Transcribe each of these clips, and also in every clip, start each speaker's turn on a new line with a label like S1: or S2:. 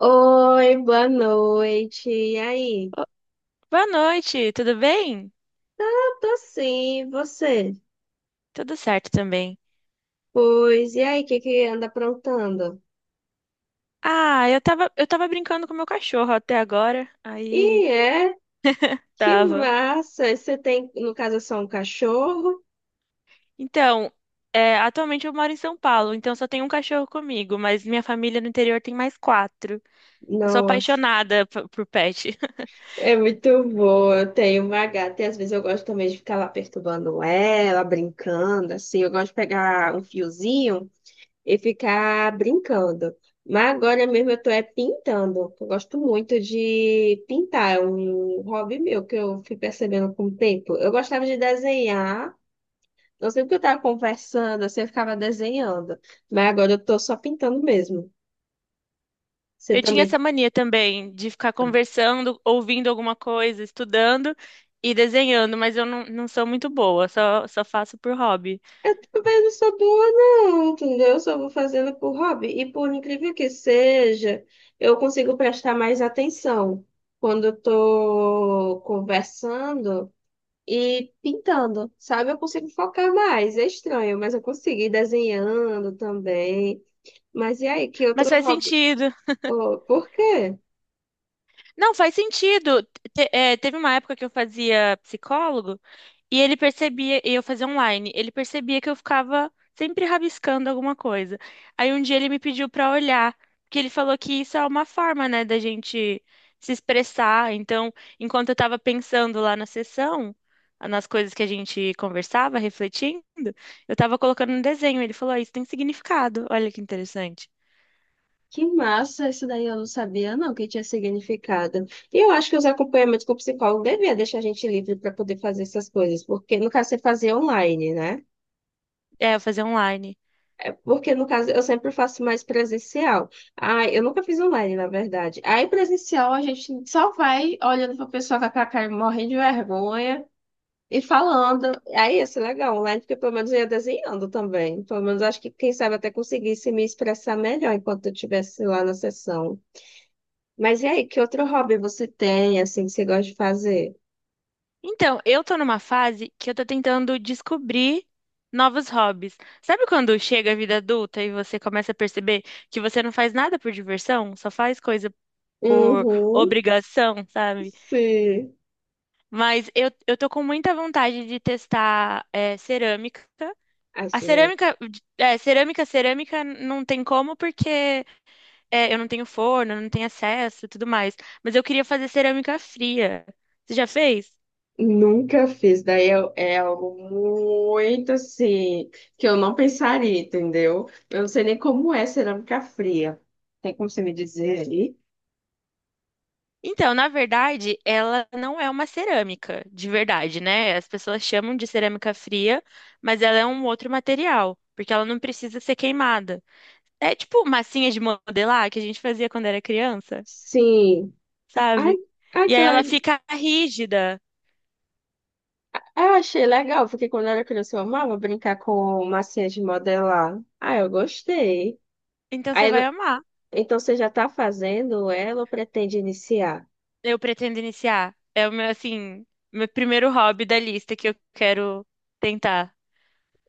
S1: Oi, boa noite. E aí?
S2: Boa noite, tudo bem?
S1: Tá, tô sim. E você?
S2: Tudo certo também.
S1: Pois, e aí, o que que anda aprontando?
S2: Ah, eu tava brincando com meu cachorro até agora. Aí,
S1: E é, que
S2: tava.
S1: massa! Você tem, no caso, é só um cachorro?
S2: Então, atualmente eu moro em São Paulo, então só tem um cachorro comigo, mas minha família no interior tem mais quatro. Eu sou
S1: Nossa,
S2: apaixonada por pet.
S1: é muito boa. Eu tenho uma gata e às vezes eu gosto também de ficar lá perturbando ela, brincando, assim. Eu gosto de pegar um fiozinho e ficar brincando. Mas agora mesmo eu tô é pintando. Eu gosto muito de pintar, é um hobby meu que eu fui percebendo com o tempo. Eu gostava de desenhar, não sei porque eu tava conversando, assim, eu ficava desenhando. Mas agora eu tô só pintando mesmo. Você
S2: Eu tinha
S1: também.
S2: essa mania também de ficar
S1: Ah,
S2: conversando, ouvindo alguma coisa, estudando e desenhando, mas eu não sou muito boa, só faço por hobby.
S1: eu também não sou boa, não, entendeu? Eu só vou fazendo por hobby. E por incrível que seja, eu consigo prestar mais atenção quando eu tô conversando e pintando, sabe? Eu consigo focar mais. É estranho, mas eu consegui desenhando também. Mas e aí, que
S2: Mas
S1: outro
S2: faz
S1: hobby?
S2: sentido.
S1: Oh, por quê?
S2: Não, faz sentido. Teve uma época que eu fazia psicólogo e ele percebia, e eu fazia online, ele percebia que eu ficava sempre rabiscando alguma coisa. Aí um dia ele me pediu pra olhar, porque ele falou que isso é uma forma, né, da gente se expressar. Então, enquanto eu tava pensando lá na sessão, nas coisas que a gente conversava, refletindo, eu tava colocando um desenho. Ele falou, "Ah, isso tem significado. Olha que interessante."
S1: Que massa, isso daí eu não sabia, não, que tinha significado. E eu acho que os acompanhamentos com o psicólogo devia deixar a gente livre para poder fazer essas coisas, porque no caso você fazia online, né?
S2: É, eu fazia online.
S1: É, porque no caso eu sempre faço mais presencial. Ah, eu nunca fiz online, na verdade. Aí presencial a gente só vai olhando para pessoa com a cara morrendo de vergonha. E falando, aí ia ser legal online, porque pelo menos eu ia desenhando também. Pelo menos acho que, quem sabe, até conseguisse me expressar melhor enquanto eu estivesse lá na sessão. Mas e aí, que outro hobby você tem, assim, que você gosta de fazer?
S2: Então, eu tô numa fase que eu tô tentando descobrir novos hobbies. Sabe quando chega a vida adulta e você começa a perceber que você não faz nada por diversão, só faz coisa por
S1: Uhum,
S2: obrigação, sabe?
S1: sim.
S2: Mas eu tô com muita vontade de testar cerâmica. A
S1: Assim, eu
S2: cerâmica, cerâmica não tem como porque eu não tenho forno, não tenho acesso e tudo mais. Mas eu queria fazer cerâmica fria. Você já fez?
S1: nunca fiz. Daí é algo muito, assim, que eu não pensaria, entendeu? Eu não sei nem como é cerâmica fria. Tem como você me dizer aí?
S2: Então, na verdade, ela não é uma cerâmica de verdade, né? As pessoas chamam de cerâmica fria, mas ela é um outro material, porque ela não precisa ser queimada. É tipo massinha de modelar que a gente fazia quando era criança,
S1: Sim. Ai,
S2: sabe?
S1: ai,
S2: E
S1: que
S2: aí ela
S1: legal.
S2: fica rígida.
S1: Ah, eu achei legal, porque quando eu era criança eu amava brincar com massinha de modelar. Ah, eu gostei.
S2: Então você
S1: Aí,
S2: vai
S1: no-
S2: amar.
S1: Então você já está fazendo ela ou pretende iniciar?
S2: Eu pretendo iniciar. É o meu, assim, meu primeiro hobby da lista que eu quero tentar.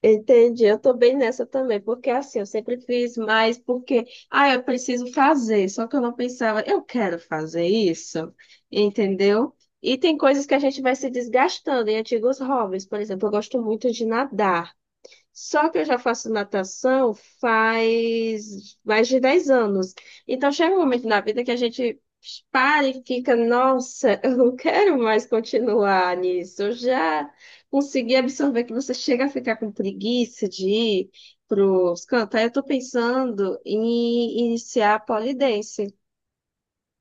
S1: Entendi, eu tô bem nessa também, porque assim, eu sempre fiz mais porque, ah, eu preciso fazer, só que eu não pensava, eu quero fazer isso, entendeu? E tem coisas que a gente vai se desgastando em antigos hobbies, por exemplo, eu gosto muito de nadar. Só que eu já faço natação faz mais de 10 anos. Então chega um momento na vida que a gente para e fica, nossa, eu não quero mais continuar nisso. Eu já consegui absorver que você chega a ficar com preguiça de ir para os cantos. Aí eu estou pensando em iniciar a pole dance.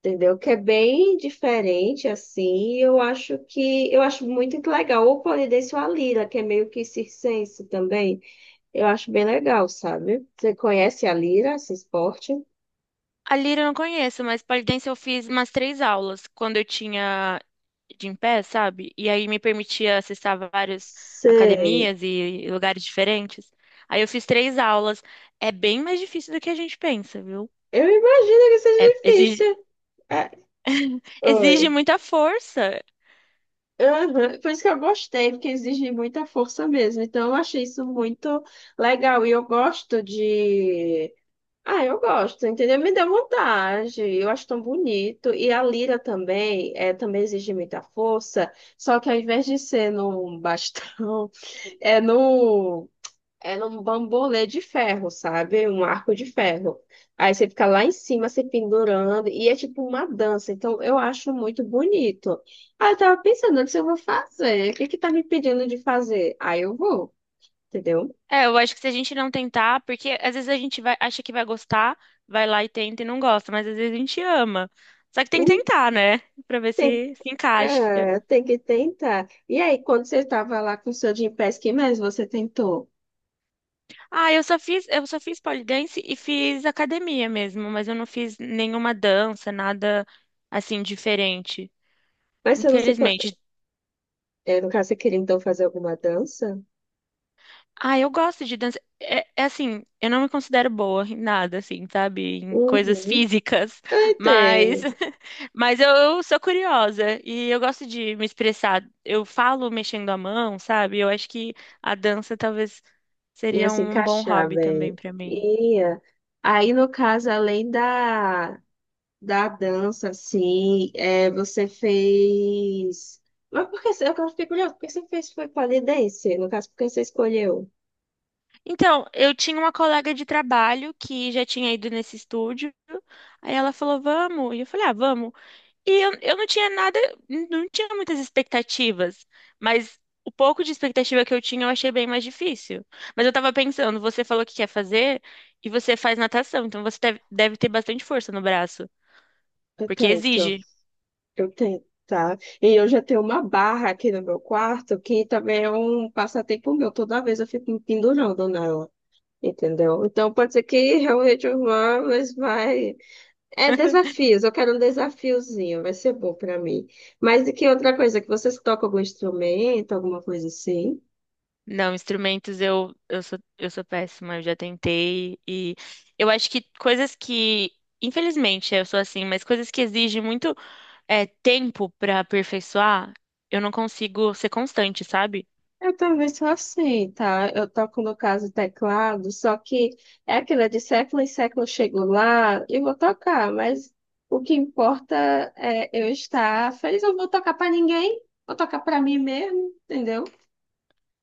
S1: Entendeu? Que é bem diferente, assim, eu acho que eu acho muito legal. Ou o pole dance ou a lira, que é meio que circense também. Eu acho bem legal, sabe? Você conhece a lira, esse esporte?
S2: A lira eu não conheço, mas pole dance eu fiz umas três aulas quando eu tinha de em pé, sabe? E aí me permitia acessar várias
S1: Sei.
S2: academias e lugares diferentes. Aí eu fiz três aulas. É bem mais difícil do que a gente pensa, viu?
S1: Eu imagino que
S2: É,
S1: seja
S2: exige,
S1: difícil. É,
S2: exige
S1: oi.
S2: muita força.
S1: Aham, por isso que eu gostei, porque exige muita força mesmo. Então, eu achei isso muito legal. E eu gosto de. Ah, eu gosto, entendeu? Me deu vontade. Eu acho tão bonito. E a lira também, é, também exige muita força. Só que ao invés de ser num bastão, é no. Era um bambolê de ferro, sabe? Um arco de ferro. Aí você fica lá em cima se pendurando e é tipo uma dança. Então eu acho muito bonito. Aí eu tava pensando se eu vou fazer. O que que tá me pedindo de fazer? Aí eu vou, entendeu?
S2: É, eu acho que se a gente não tentar, porque às vezes a gente vai, acha que vai gostar, vai lá e tenta e não gosta, mas às vezes a gente ama. Só que tem que
S1: Hum,
S2: tentar, né? Pra ver
S1: Tem,
S2: se se encaixa.
S1: é, tem que tentar. E aí, quando você tava lá com o seu Gympass, que mais você tentou?
S2: Ah, eu só fiz pole dance e fiz academia mesmo, mas eu não fiz nenhuma dança, nada assim diferente,
S1: Mas você não se. Co-
S2: infelizmente.
S1: É, no caso, você queria então fazer alguma dança?
S2: Ah, eu gosto de dança. É, é assim, eu não me considero boa em nada, assim, sabe, em coisas
S1: Uhum.
S2: físicas,
S1: Eu
S2: mas,
S1: entendo.
S2: mas eu sou curiosa e eu gosto de me expressar. Eu falo mexendo a mão, sabe? Eu acho que a dança talvez
S1: Ia
S2: seria
S1: se
S2: um bom
S1: encaixar
S2: hobby também
S1: bem.
S2: pra mim.
S1: Ia. Aí, no caso, além da, da dança, assim, é, você fez. Mas por que eu fiquei curiosa, por que você fez foi pole dance? No caso, por que você escolheu?
S2: Então, eu tinha uma colega de trabalho que já tinha ido nesse estúdio. Aí ela falou, vamos. E eu falei, ah, vamos. E eu não tinha nada, não tinha muitas expectativas. Mas o pouco de expectativa que eu tinha, eu achei bem mais difícil. Mas eu tava pensando, você falou que quer fazer e você faz natação. Então você deve ter bastante força no braço,
S1: Eu
S2: porque
S1: tento,
S2: exige.
S1: eu tento, tá? E eu já tenho uma barra aqui no meu quarto, que também é um passatempo meu. Toda vez eu fico me pendurando nela, entendeu? Então, pode ser que realmente eu vá, mas vai. É desafios, eu quero um desafiozinho, vai ser bom pra mim. Mas e que outra coisa, que vocês tocam algum instrumento, alguma coisa assim?
S2: Não, instrumentos eu sou péssima, eu já tentei e eu acho que coisas que, infelizmente, eu sou assim, mas coisas que exigem muito tempo pra aperfeiçoar, eu não consigo ser constante, sabe?
S1: Eu também sou assim, tá? Eu toco, no caso, teclado, só que é aquilo, é de século em século eu chego lá e vou tocar, mas o que importa é eu estar feliz. Eu não vou tocar pra ninguém, vou tocar pra mim mesmo, entendeu?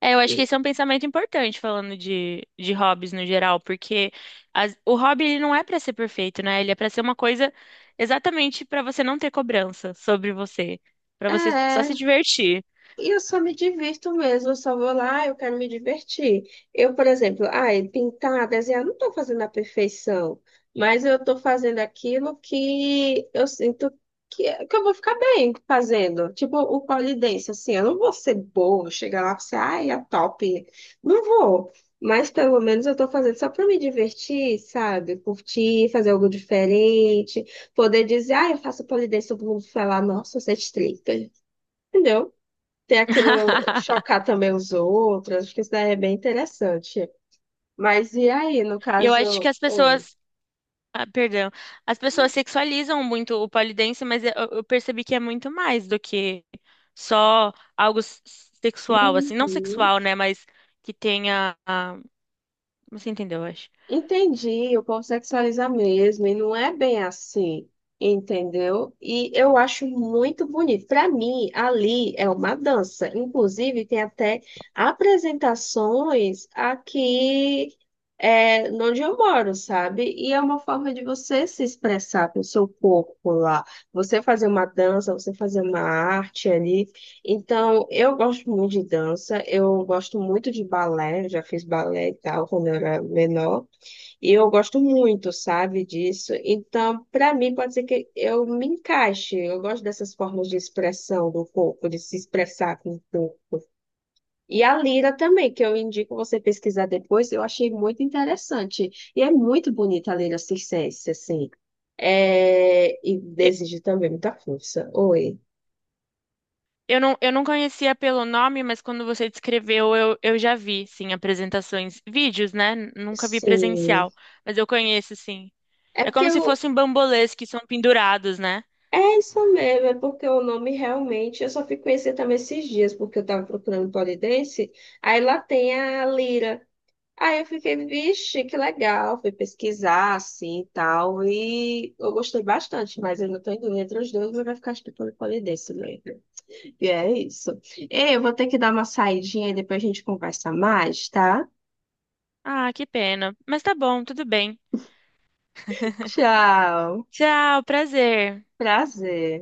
S2: É, eu acho que
S1: E,
S2: esse é um pensamento importante falando de hobbies no geral, porque o hobby ele não é pra ser perfeito, né? Ele é pra ser uma coisa exatamente pra você não ter cobrança sobre você, pra você só
S1: é,
S2: se divertir.
S1: e eu só me divirto mesmo, eu só vou lá, eu quero me divertir. Eu, por exemplo, ai, pintar, desenhar, não estou fazendo a perfeição, mas eu estou fazendo aquilo que eu sinto que eu vou ficar bem fazendo. Tipo o pole dance, assim, eu não vou ser boa, chegar lá e ser, ai, é top. Não vou. Mas pelo menos eu estou fazendo só para me divertir, sabe? Curtir, fazer algo diferente, poder dizer, ah, eu faço pole dance, todo mundo falar, nossa, você é stripper. Entendeu? Tem aquilo chocar também os outros, acho que isso daí é bem interessante. Mas e aí, no
S2: E eu acho que
S1: caso.
S2: as
S1: Oi.
S2: pessoas, ah, perdão. As pessoas sexualizam muito o pole dance, mas eu percebi que é muito mais do que só algo sexual, assim, não
S1: Uhum.
S2: sexual, né, mas que tenha, ah, você entendeu, eu acho.
S1: Entendi, o povo sexualiza mesmo, e não é bem assim, entendeu? E eu acho muito bonito. Para mim, ali é uma dança. Inclusive, tem até apresentações aqui, é, onde eu moro, sabe? E é uma forma de você se expressar com o seu corpo lá. Você fazer uma dança, você fazer uma arte ali. Então, eu gosto muito de dança, eu gosto muito de balé, eu já fiz balé e tal quando eu era menor. E eu gosto muito, sabe, disso. Então, para mim, pode ser que eu me encaixe. Eu gosto dessas formas de expressão do corpo, de se expressar com o corpo. E a lira também, que eu indico você pesquisar depois, eu achei muito interessante. E é muito bonita a lira circense, assim. É... E
S2: E-
S1: desejo também muita força. Oi.
S2: Eu não conhecia pelo nome, mas quando você descreveu, eu já vi, sim, apresentações, vídeos, né? Nunca vi
S1: Sim.
S2: presencial, mas eu conheço, sim.
S1: É
S2: É
S1: porque
S2: como
S1: eu,
S2: se fossem bambolês que são pendurados, né?
S1: É isso mesmo, é porque o nome realmente, eu só fui conhecer também esses dias, porque eu tava procurando pole dance, aí lá tem a lira. Aí eu fiquei, vixe, que legal, fui pesquisar assim e tal, e eu gostei bastante, mas eu não tô indo entre os dois, mas vai ficar estudando pole dance mesmo. E é isso. Ei, eu vou ter que dar uma saidinha e depois a gente conversa mais, tá?
S2: Ah, que pena. Mas tá bom, tudo bem.
S1: Tchau,
S2: Tchau, prazer.
S1: prazer.